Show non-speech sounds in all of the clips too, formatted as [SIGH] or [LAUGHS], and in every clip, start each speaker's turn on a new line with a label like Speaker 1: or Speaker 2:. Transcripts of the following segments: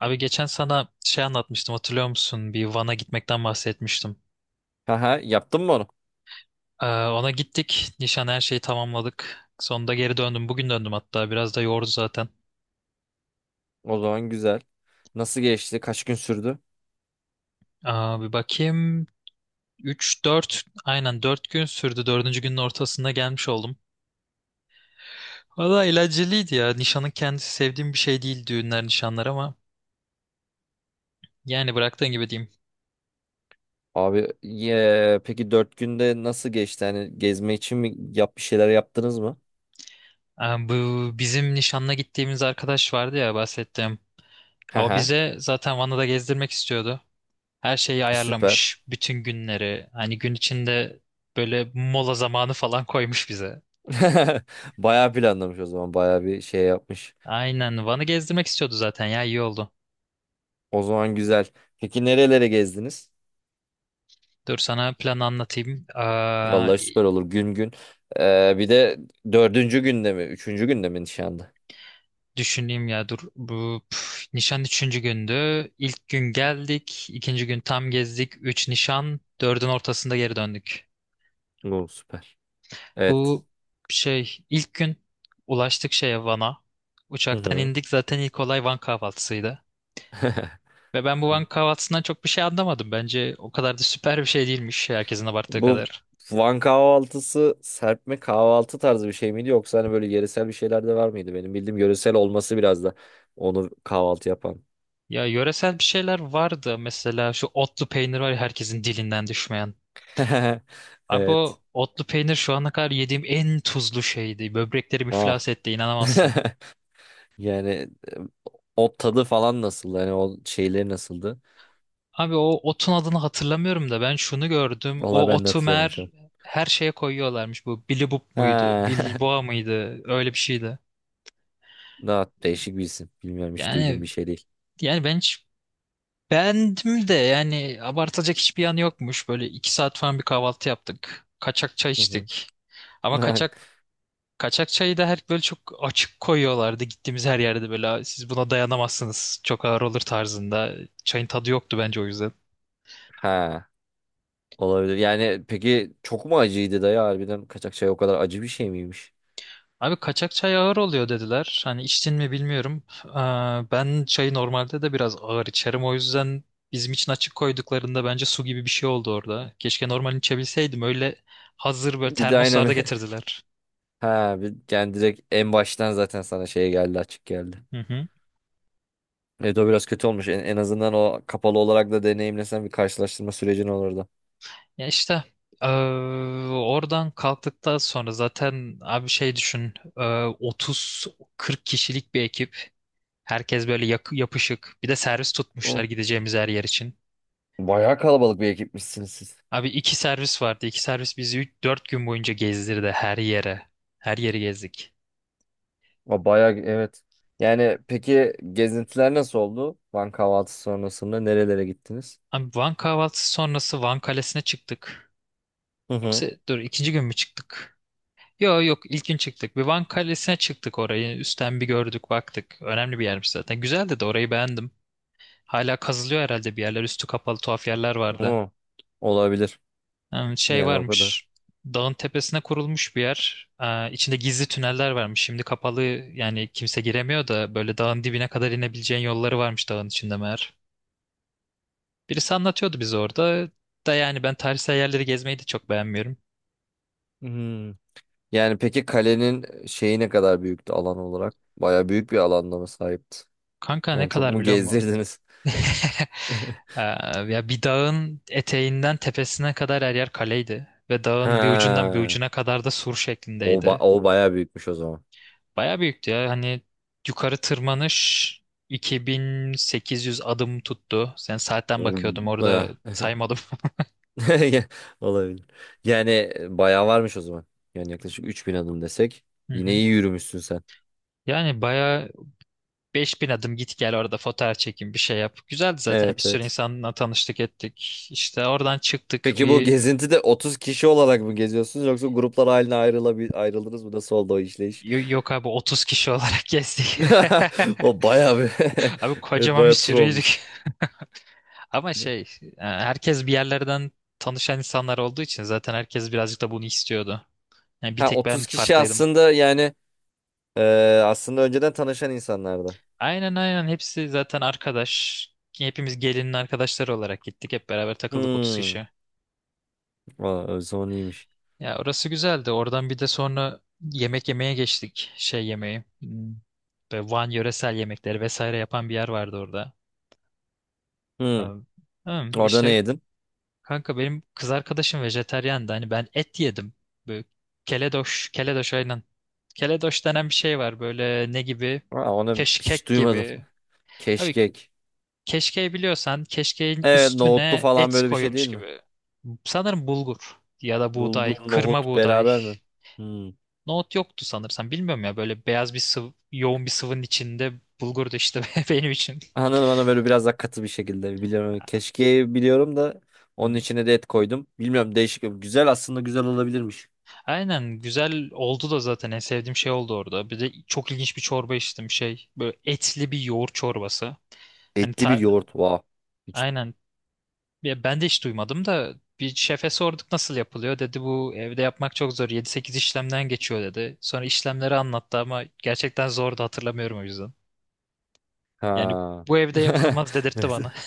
Speaker 1: Abi geçen sana şey anlatmıştım hatırlıyor musun? Bir Van'a gitmekten bahsetmiştim.
Speaker 2: Haha, yaptın mı onu?
Speaker 1: Ona gittik. Nişan her şeyi tamamladık. Sonunda geri döndüm. Bugün döndüm hatta. Biraz da yordu zaten.
Speaker 2: O zaman güzel. Nasıl geçti? Kaç gün sürdü?
Speaker 1: Bir bakayım. Aynen 4 gün sürdü. Dördüncü günün ortasında gelmiş oldum. Valla eğlenceliydi ya. Nişanın kendisi sevdiğim bir şey değil, düğünler nişanlar, ama yani bıraktığın gibi diyeyim.
Speaker 2: Abi ye, peki dört günde nasıl geçti? Hani gezme için mi bir şeyler yaptınız mı?
Speaker 1: Ee, bu bizim nişanla gittiğimiz arkadaş vardı ya, bahsettiğim. O
Speaker 2: Haha,
Speaker 1: bize zaten Van'ı da gezdirmek istiyordu. Her şeyi
Speaker 2: süper.
Speaker 1: ayarlamış. Bütün günleri. Hani gün içinde böyle mola zamanı falan koymuş bize.
Speaker 2: [LAUGHS] Bayağı planlamış o zaman. Bayağı bir şey yapmış.
Speaker 1: Aynen. Van'ı gezdirmek istiyordu zaten ya, iyi oldu.
Speaker 2: O zaman güzel. Peki nerelere gezdiniz?
Speaker 1: Dur sana planı anlatayım. Aa,
Speaker 2: Vallahi süper olur gün gün. Bir de dördüncü günde mi? Üçüncü günde mi nişanda?
Speaker 1: düşüneyim ya dur. Nişan üçüncü gündü. İlk gün geldik. İkinci gün tam gezdik. Üç nişan. Dördün ortasında geri döndük.
Speaker 2: Oo, süper. Evet.
Speaker 1: Bu şey ilk gün ulaştık şeye, Van'a.
Speaker 2: Hı
Speaker 1: Uçaktan
Speaker 2: hı.
Speaker 1: indik, zaten ilk olay Van kahvaltısıydı. Ve ben bu banka
Speaker 2: [LAUGHS]
Speaker 1: kahvaltısından çok bir şey anlamadım. Bence o kadar da süper bir şey değilmiş herkesin abarttığı
Speaker 2: Bu
Speaker 1: kadar.
Speaker 2: Van kahvaltısı serpme kahvaltı tarzı bir şey miydi yoksa hani böyle yöresel bir şeyler de var mıydı? Benim bildiğim yöresel olması biraz da onu kahvaltı yapan.
Speaker 1: Ya yöresel bir şeyler vardı. Mesela şu otlu peynir var ya, herkesin dilinden düşmeyen.
Speaker 2: [LAUGHS]
Speaker 1: Abi
Speaker 2: Evet.
Speaker 1: o otlu peynir şu ana kadar yediğim en tuzlu şeydi. Böbreklerim
Speaker 2: Ah.
Speaker 1: iflas etti, inanamazsın.
Speaker 2: [LAUGHS] Yani e, o tadı falan nasıldı? Yani o şeyleri nasıldı?
Speaker 1: Abi o otun adını hatırlamıyorum da, ben şunu gördüm.
Speaker 2: Vallahi
Speaker 1: O
Speaker 2: ben de
Speaker 1: otu
Speaker 2: hatırlayamadım şu
Speaker 1: meğer
Speaker 2: an.
Speaker 1: her şeye koyuyorlarmış. Bu Billy Boop muydu?
Speaker 2: Ha. [LAUGHS]
Speaker 1: Bilboğa mıydı? Öyle bir şeydi.
Speaker 2: Daha değişik bir isim. Bilmiyorum, hiç duyduğum
Speaker 1: Yani
Speaker 2: bir şey değil.
Speaker 1: yani ben hiç Beğendim de, yani abartılacak hiçbir yanı yokmuş. Böyle 2 saat falan bir kahvaltı yaptık. Kaçak çay
Speaker 2: Hı hı.
Speaker 1: içtik. Ama
Speaker 2: [LAUGHS]
Speaker 1: kaçak çayı da her böyle çok açık koyuyorlardı. Gittiğimiz her yerde böyle, "Siz buna dayanamazsınız. Çok ağır olur," tarzında. Çayın tadı yoktu bence o yüzden.
Speaker 2: Ha. Olabilir. Yani peki çok mu acıydı dayı, harbiden kaçak çay o kadar acı bir şey miymiş?
Speaker 1: Abi kaçak çay ağır oluyor dediler. Hani içtin mi bilmiyorum. Ben çayı normalde de biraz ağır içerim. O yüzden bizim için açık koyduklarında bence su gibi bir şey oldu orada. Keşke normal içebilseydim. Öyle hazır böyle
Speaker 2: Bir de
Speaker 1: termoslarda
Speaker 2: aynen. [LAUGHS]
Speaker 1: getirdiler.
Speaker 2: Ha, yani direkt en baştan zaten sana şey geldi, açık geldi.
Speaker 1: Hı hı.
Speaker 2: Evet, o biraz kötü olmuş. En azından o kapalı olarak da deneyimlesen bir karşılaştırma sürecin olurdu.
Speaker 1: Ya işte, eee, oradan kalktıktan sonra zaten abi, şey düşün, 30-40 kişilik bir ekip. Herkes böyle yapışık. Bir de servis tutmuşlar
Speaker 2: O.
Speaker 1: gideceğimiz her yer için.
Speaker 2: Bayağı kalabalık bir ekipmişsiniz siz.
Speaker 1: Abi iki servis vardı. İki servis bizi 3 4 gün boyunca gezdirdi her yere. Her yeri gezdik.
Speaker 2: Bayağı evet. Yani peki gezintiler nasıl oldu? Van kahvaltısı sonrasında nerelere gittiniz?
Speaker 1: Abi Van kahvaltısı sonrası Van Kalesi'ne çıktık.
Speaker 2: Hı hı.
Speaker 1: Yoksa dur, ikinci gün mü çıktık? Yok yok, ilk gün çıktık. Bir Van Kalesi'ne çıktık orayı. Üstten bir gördük baktık. Önemli bir yermiş zaten. Güzeldi de, orayı beğendim. Hala kazılıyor herhalde bir yerler. Üstü kapalı tuhaf yerler vardı.
Speaker 2: Hı. Olabilir.
Speaker 1: Şey
Speaker 2: Yani o kadar.
Speaker 1: varmış. Dağın tepesine kurulmuş bir yer. İçinde gizli tüneller varmış. Şimdi kapalı, yani kimse giremiyor da, böyle dağın dibine kadar inebileceğin yolları varmış dağın içinde meğer. Birisi anlatıyordu bize orada. Da yani ben tarihsel yerleri gezmeyi de çok beğenmiyorum.
Speaker 2: Hmm. Yani peki kalenin şeyi ne kadar büyüktü alan olarak? Bayağı büyük bir alanda mı sahipti?
Speaker 1: Kanka ne
Speaker 2: Yani çok
Speaker 1: kadar
Speaker 2: mu
Speaker 1: biliyor musun?
Speaker 2: gezdirdiniz?
Speaker 1: [LAUGHS]
Speaker 2: [LAUGHS]
Speaker 1: Ee, ya bir dağın eteğinden tepesine kadar her yer kaleydi. Ve dağın bir ucundan bir
Speaker 2: Ha.
Speaker 1: ucuna kadar da sur
Speaker 2: O,
Speaker 1: şeklindeydi.
Speaker 2: o bayağı büyükmüş o zaman.
Speaker 1: Bayağı büyüktü ya. Hani yukarı tırmanış 2800 adım tuttu. Sen, saatten
Speaker 2: Hmm,
Speaker 1: bakıyordum orada,
Speaker 2: bayağı.
Speaker 1: saymadım.
Speaker 2: [LAUGHS] Olabilir. Yani bayağı varmış o zaman. Yani yaklaşık 3000 adım desek.
Speaker 1: [LAUGHS] Hı
Speaker 2: Yine
Speaker 1: hı.
Speaker 2: iyi yürümüşsün sen.
Speaker 1: Yani bayağı 5000 adım git gel orada, fotoğraf çekin, bir şey yap. Güzeldi zaten, bir
Speaker 2: Evet,
Speaker 1: sürü
Speaker 2: evet.
Speaker 1: insanla tanıştık ettik. İşte oradan çıktık
Speaker 2: Peki bu
Speaker 1: bir
Speaker 2: gezintide 30 kişi olarak mı geziyorsunuz yoksa gruplar haline ayrıldınız mı? Nasıl oldu o işleyiş?
Speaker 1: yok abi, 30 kişi olarak [LAUGHS] gezdik.
Speaker 2: [LAUGHS] O bayağı bir.
Speaker 1: [LAUGHS] Abi
Speaker 2: [LAUGHS] Evet,
Speaker 1: kocaman bir
Speaker 2: bayağı tur
Speaker 1: sürüydük.
Speaker 2: olmuş.
Speaker 1: [LAUGHS] Ama şey herkes bir yerlerden tanışan insanlar olduğu için zaten herkes birazcık da bunu istiyordu. Yani bir
Speaker 2: Ha,
Speaker 1: tek ben
Speaker 2: 30 kişi
Speaker 1: farklıydım.
Speaker 2: aslında, yani e, aslında önceden tanışan insanlardı.
Speaker 1: Aynen aynen, hepsi zaten arkadaş. Hepimiz gelinin arkadaşları olarak gittik. Hep beraber takıldık, 30
Speaker 2: Hmm.
Speaker 1: kişi.
Speaker 2: Aa, o zaman iyiymiş.
Speaker 1: Ya orası güzeldi. Oradan bir de sonra yemek yemeye geçtik. Şey yemeği. Böyle Van yöresel yemekleri vesaire yapan bir yer vardı orada.
Speaker 2: Hmm.
Speaker 1: Am- am,
Speaker 2: Orada ne
Speaker 1: işte
Speaker 2: yedin?
Speaker 1: kanka, benim kız arkadaşım vejetaryandı. Hani ben et yedim. Böyle keledoş, keledoş aynen. Keledoş denen bir şey var. Böyle ne gibi?
Speaker 2: Aa, onu hiç
Speaker 1: Keşkek
Speaker 2: duymadım.
Speaker 1: gibi.
Speaker 2: [LAUGHS]
Speaker 1: Abi,
Speaker 2: Keşkek.
Speaker 1: keşkeği biliyorsan, keşkeğin
Speaker 2: Evet, nohutlu
Speaker 1: üstüne
Speaker 2: falan
Speaker 1: et
Speaker 2: böyle bir şey
Speaker 1: koyulmuş
Speaker 2: değil mi?
Speaker 1: gibi. Sanırım bulgur ya da buğday,
Speaker 2: Bulgur,
Speaker 1: kırma
Speaker 2: nohut
Speaker 1: buğday.
Speaker 2: beraber mi? Hmm.
Speaker 1: Nohut yoktu sanırsam. Bilmiyorum ya, böyle beyaz bir sıvı, yoğun bir sıvının içinde bulgur da işte [LAUGHS] benim için.
Speaker 2: Anladım, anladım. Böyle biraz daha katı bir şekilde biliyorum. Keşkeği biliyorum da onun
Speaker 1: Hmm.
Speaker 2: içine de et koydum. Bilmiyorum, değişik. Güzel, aslında güzel olabilirmiş.
Speaker 1: Aynen güzel oldu da, zaten en sevdiğim şey oldu orada. Bir de çok ilginç bir çorba içtim şey. Böyle etli bir yoğurt çorbası. Hani
Speaker 2: Etli bir yoğurt. Wow. Hiç...
Speaker 1: aynen. Ya ben de hiç duymadım da, bir şefe sorduk nasıl yapılıyor dedi, bu evde yapmak çok zor, yedi sekiz işlemden geçiyor dedi. Sonra işlemleri anlattı ama gerçekten zordu, hatırlamıyorum o yüzden. Yani
Speaker 2: Ha.
Speaker 1: bu evde
Speaker 2: [LAUGHS]
Speaker 1: yapılmaz dedirtti
Speaker 2: Evet.
Speaker 1: bana. [LAUGHS]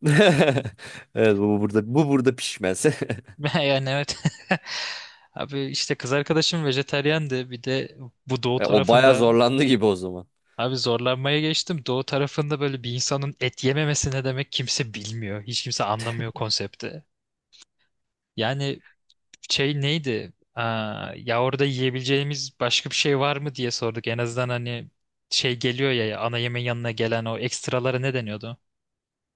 Speaker 2: [LAUGHS] Evet, bu burada, bu burada pişmez. [LAUGHS]
Speaker 1: Yani evet. [LAUGHS] Abi işte, kız arkadaşım vejetaryendi bir de, bu doğu
Speaker 2: E, o bayağı
Speaker 1: tarafında
Speaker 2: zorlandı gibi o zaman.
Speaker 1: abi, zorlanmaya geçtim. Doğu tarafında böyle bir insanın et yememesi ne demek kimse bilmiyor. Hiç kimse anlamıyor konsepti. Yani şey neydi? Ya orada yiyebileceğimiz başka bir şey var mı diye sorduk. En azından hani şey geliyor ya, ana yemeğin yanına gelen o ekstralara ne deniyordu?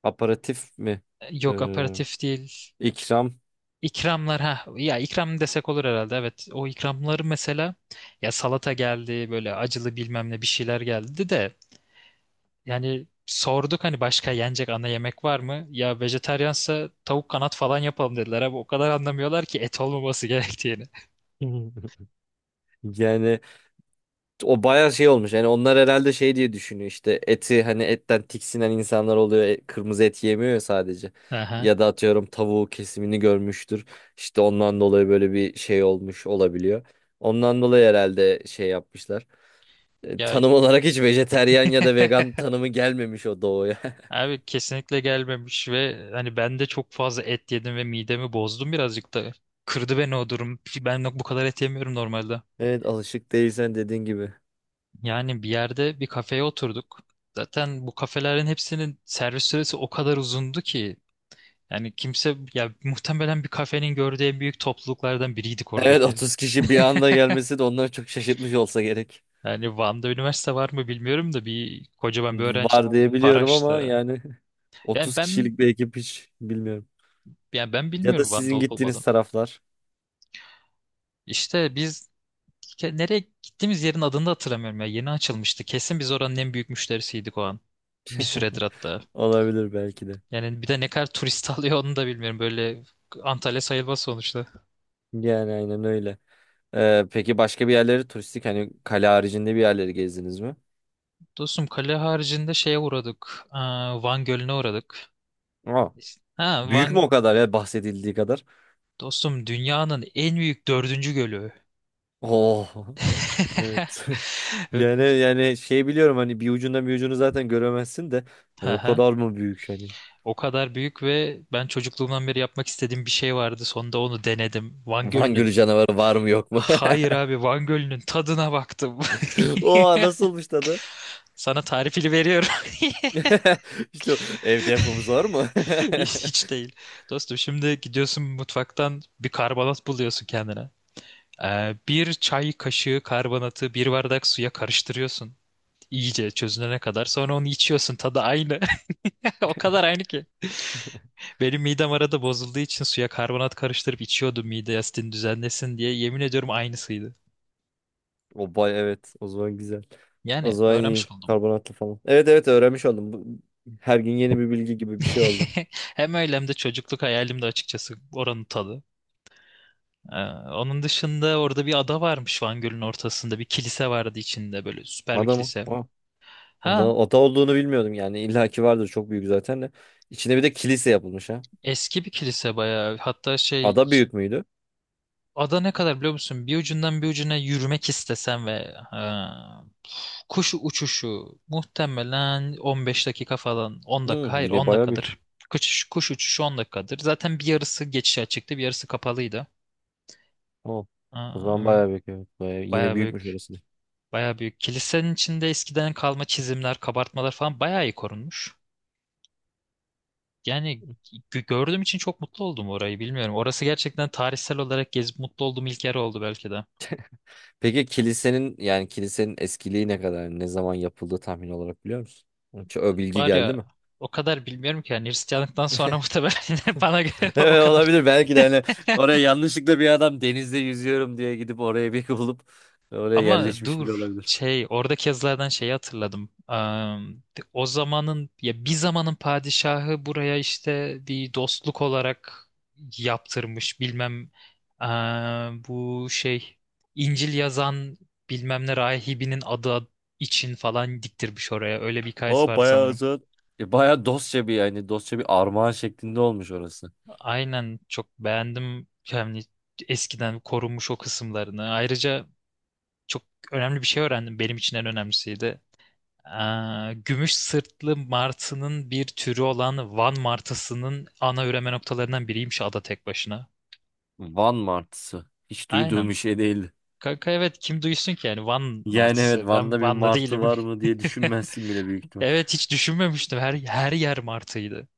Speaker 2: Aparatif mi?
Speaker 1: Yok
Speaker 2: Ee,
Speaker 1: aperatif değil.
Speaker 2: ikram.
Speaker 1: İkramlar ha, ya ikram desek olur herhalde, evet o ikramları mesela, ya salata geldi, böyle acılı bilmem ne bir şeyler geldi de, yani sorduk hani başka yenecek ana yemek var mı, ya vejetaryansa tavuk kanat falan yapalım dediler. Abi o kadar anlamıyorlar ki et olmaması [LAUGHS] gerektiğini.
Speaker 2: [LAUGHS] Yani o bayağı şey olmuş. Yani onlar herhalde şey diye düşünüyor, işte eti, hani etten tiksinen insanlar oluyor. E, kırmızı et yemiyor ya sadece.
Speaker 1: Aha.
Speaker 2: Ya da atıyorum tavuğu kesimini görmüştür. İşte ondan dolayı böyle bir şey olmuş olabiliyor. Ondan dolayı herhalde şey yapmışlar. E,
Speaker 1: Ya
Speaker 2: tanım olarak hiç vejeteryan ya da vegan
Speaker 1: [LAUGHS]
Speaker 2: tanımı gelmemiş o doğuya. [LAUGHS]
Speaker 1: abi kesinlikle gelmemiş ve hani ben de çok fazla et yedim ve midemi bozdum birazcık da. Kırdı beni o durum. Ben bu kadar et yemiyorum normalde.
Speaker 2: Evet, alışık değilsen dediğin gibi.
Speaker 1: Yani bir yerde bir kafeye oturduk. Zaten bu kafelerin hepsinin servis süresi o kadar uzundu ki. Yani kimse, ya muhtemelen bir kafenin gördüğü en büyük topluluklardan biriydik
Speaker 2: Evet,
Speaker 1: oradaki.
Speaker 2: 30 kişi bir anda gelmesi de onları çok şaşırtmış olsa gerek.
Speaker 1: Yani Van'da üniversite var mı bilmiyorum da, bir kocaman bir öğrenci
Speaker 2: Var diye biliyorum ama
Speaker 1: paraştı.
Speaker 2: yani [LAUGHS]
Speaker 1: Yani
Speaker 2: 30
Speaker 1: ben
Speaker 2: kişilik bir ekip hiç bilmiyorum.
Speaker 1: yani ben
Speaker 2: Ya da
Speaker 1: bilmiyorum Van'da
Speaker 2: sizin
Speaker 1: olup
Speaker 2: gittiğiniz
Speaker 1: olmadığını.
Speaker 2: taraflar
Speaker 1: İşte nereye gittiğimiz yerin adını da hatırlamıyorum ya. Yeni açılmıştı. Kesin biz oranın en büyük müşterisiydik o an. Bir süredir hatta.
Speaker 2: olabilir belki de.
Speaker 1: Yani bir de ne kadar turist [LAUGHS] alıyor onu da bilmiyorum. Böyle Antalya sayılmaz sonuçta.
Speaker 2: Yani aynen öyle. Peki başka bir yerleri turistik, hani kale haricinde bir yerleri gezdiniz mi?
Speaker 1: Dostum, kale haricinde şeye uğradık. Van Gölü'ne uğradık.
Speaker 2: Aa,
Speaker 1: Ha
Speaker 2: büyük
Speaker 1: Van,
Speaker 2: mü o kadar ya, bahsedildiği kadar?
Speaker 1: dostum dünyanın en büyük dördüncü gölü.
Speaker 2: Oh. [LAUGHS] Evet.
Speaker 1: [LAUGHS]
Speaker 2: [LAUGHS] Yani, yani şey biliyorum, hani bir ucundan bir ucunu zaten göremezsin de hani
Speaker 1: Hı
Speaker 2: o
Speaker 1: hı.
Speaker 2: kadar mı büyük hani?
Speaker 1: O kadar büyük, ve ben çocukluğumdan beri yapmak istediğim bir şey vardı. Sonunda onu denedim. Van
Speaker 2: Van
Speaker 1: Gölü'nün
Speaker 2: Gölü canavarı var mı yok mu?
Speaker 1: Hayır abi, Van Gölü'nün tadına baktım. [LAUGHS]
Speaker 2: [LAUGHS] Oha, nasılmış tadı?
Speaker 1: Sana tarifini veriyorum. [LAUGHS]
Speaker 2: [LAUGHS] İşte o, evde yapımız var mı?
Speaker 1: Hiç
Speaker 2: [LAUGHS]
Speaker 1: hiç değil. Dostum, şimdi gidiyorsun mutfaktan bir karbonat buluyorsun kendine. Bir çay kaşığı karbonatı bir bardak suya karıştırıyorsun. İyice çözünene kadar. Sonra onu içiyorsun. Tadı aynı. [LAUGHS] O kadar aynı ki. Benim midem arada bozulduğu için suya karbonat karıştırıp içiyordum mide asitini düzenlesin diye. Yemin ediyorum aynısıydı.
Speaker 2: O bay, evet. O zaman güzel. O
Speaker 1: Yani
Speaker 2: zaman
Speaker 1: öğrenmiş
Speaker 2: iyi.
Speaker 1: oldum.
Speaker 2: Karbonatlı falan. Evet, evet, öğrenmiş oldum. Bu, her gün yeni bir bilgi gibi bir şey oldu.
Speaker 1: [LAUGHS] Hem öyle, hem de çocukluk hayalim de açıkçası oranın tadı. Ee, onun dışında orada bir ada varmış Van Gölü'nün ortasında. Bir kilise vardı içinde, böyle süper bir
Speaker 2: Ada mı?
Speaker 1: kilise.
Speaker 2: Aa,
Speaker 1: Ha
Speaker 2: ada olduğunu bilmiyordum yani. İlla ki vardır, çok büyük zaten de. İçine bir de kilise yapılmış ha.
Speaker 1: eski bir kilise bayağı. Hatta
Speaker 2: Ada büyük müydü?
Speaker 1: ada ne kadar biliyor musun? Bir ucundan bir ucuna yürümek istesen, ve ha, kuş uçuşu muhtemelen 15 dakika falan, 10 dakika,
Speaker 2: Hı,
Speaker 1: hayır
Speaker 2: yine
Speaker 1: 10
Speaker 2: bayağı büyük.
Speaker 1: dakikadır. Kuş uçuşu 10 dakikadır. Zaten bir yarısı geçişe açıktı, bir yarısı kapalıydı.
Speaker 2: Tamam. O zaman
Speaker 1: Aa,
Speaker 2: bayağı büyük, evet. Bayağı, yine
Speaker 1: Bayağı
Speaker 2: büyükmüş
Speaker 1: büyük.
Speaker 2: orası da.
Speaker 1: Bayağı büyük. Kilisenin içinde eskiden kalma çizimler, kabartmalar falan bayağı iyi korunmuş. Yani gördüğüm için çok mutlu oldum orayı, bilmiyorum. Orası gerçekten tarihsel olarak gezip mutlu olduğum ilk yer oldu belki de.
Speaker 2: Peki kilisenin, yani kilisenin eskiliği ne kadar? Ne zaman yapıldığı tahmin olarak biliyor musun? Hiç o bilgi
Speaker 1: Var
Speaker 2: geldi
Speaker 1: ya,
Speaker 2: mi?
Speaker 1: o kadar bilmiyorum ki, yani Hristiyanlıktan sonra [LAUGHS] muhtemelen, bana göre
Speaker 2: [LAUGHS]
Speaker 1: o
Speaker 2: Evet,
Speaker 1: kadar.
Speaker 2: olabilir belki de, hani oraya yanlışlıkla bir adam denizde yüzüyorum diye gidip oraya bir bulup oraya
Speaker 1: Ama
Speaker 2: yerleşmiş bile
Speaker 1: dur,
Speaker 2: olabilir.
Speaker 1: şey oradaki yazılardan şeyi hatırladım. O zamanın, ya bir zamanın padişahı buraya işte bir dostluk olarak yaptırmış bilmem, bu şey, İncil yazan bilmem ne rahibinin adı için falan diktirmiş oraya. Öyle bir hikayesi
Speaker 2: O
Speaker 1: vardı
Speaker 2: bayağı
Speaker 1: sanırım.
Speaker 2: uzun. E, bayağı dostça bir, yani dostça bir armağan şeklinde olmuş orası.
Speaker 1: Aynen çok beğendim yani eskiden korunmuş o kısımlarını. Ayrıca çok önemli bir şey öğrendim. Benim için en önemlisiydi. Gümüş sırtlı martının bir türü olan Van martısının ana üreme noktalarından biriymiş ada tek başına.
Speaker 2: Van martısı. Hiç duyduğum
Speaker 1: Aynen.
Speaker 2: bir şey değildi.
Speaker 1: Kanka evet, kim duysun ki yani Van
Speaker 2: Yani evet,
Speaker 1: martısı.
Speaker 2: Van'da
Speaker 1: Ben
Speaker 2: bir
Speaker 1: Van'la
Speaker 2: martı
Speaker 1: değilim.
Speaker 2: var mı
Speaker 1: [LAUGHS]
Speaker 2: diye düşünmezsin bile büyük ihtimal.
Speaker 1: Evet, hiç düşünmemiştim. Her yer martıydı.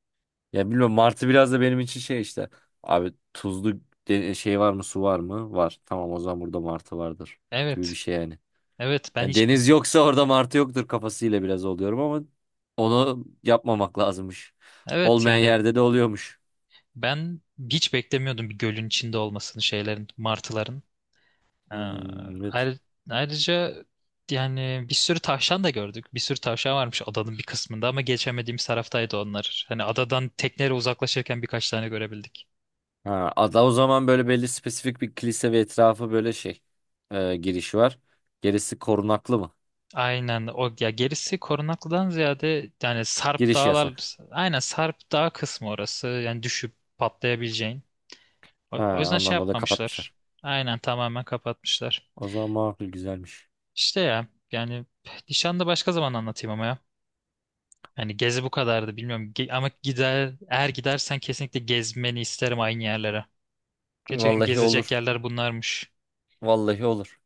Speaker 2: Ya bilmiyorum, martı biraz da benim için şey işte. Abi tuzlu şey var mı, su var mı? Var. Tamam, o zaman burada martı vardır gibi bir
Speaker 1: Evet.
Speaker 2: şey yani.
Speaker 1: Evet ben
Speaker 2: Yani
Speaker 1: hiç,
Speaker 2: deniz yoksa orada martı yoktur kafasıyla biraz oluyorum ama onu yapmamak lazımmış.
Speaker 1: evet
Speaker 2: Olmayan
Speaker 1: yani
Speaker 2: yerde de oluyormuş.
Speaker 1: ben hiç beklemiyordum bir gölün içinde olmasını şeylerin, martıların. Ee,
Speaker 2: Hmm, evet.
Speaker 1: ayrı- ayrıca yani bir sürü tavşan da gördük. Bir sürü tavşan varmış adanın bir kısmında, ama geçemediğimiz taraftaydı onlar. Hani adadan tekneyle uzaklaşırken birkaç tane görebildik.
Speaker 2: Ha, ada o zaman böyle belli spesifik bir kilise ve etrafı böyle şey, giriş var. Gerisi korunaklı mı?
Speaker 1: Aynen, o ya, gerisi korunaklıdan ziyade yani Sarp
Speaker 2: Giriş
Speaker 1: Dağlar,
Speaker 2: yasak.
Speaker 1: aynen Sarp Dağ kısmı orası. Yani düşüp patlayabileceğin. O
Speaker 2: Ha,
Speaker 1: yüzden şey
Speaker 2: ondan dolayı
Speaker 1: yapmamışlar.
Speaker 2: kapatmışlar.
Speaker 1: Aynen tamamen kapatmışlar.
Speaker 2: O zaman makul, güzelmiş.
Speaker 1: İşte ya yani, nişanda başka zaman anlatayım ama ya. Yani gezi bu kadardı bilmiyorum. Ama gider, eğer gidersen kesinlikle gezmeni isterim aynı yerlere. Gerçekten
Speaker 2: Vallahi
Speaker 1: gezecek
Speaker 2: olur.
Speaker 1: yerler bunlarmış.
Speaker 2: Vallahi olur.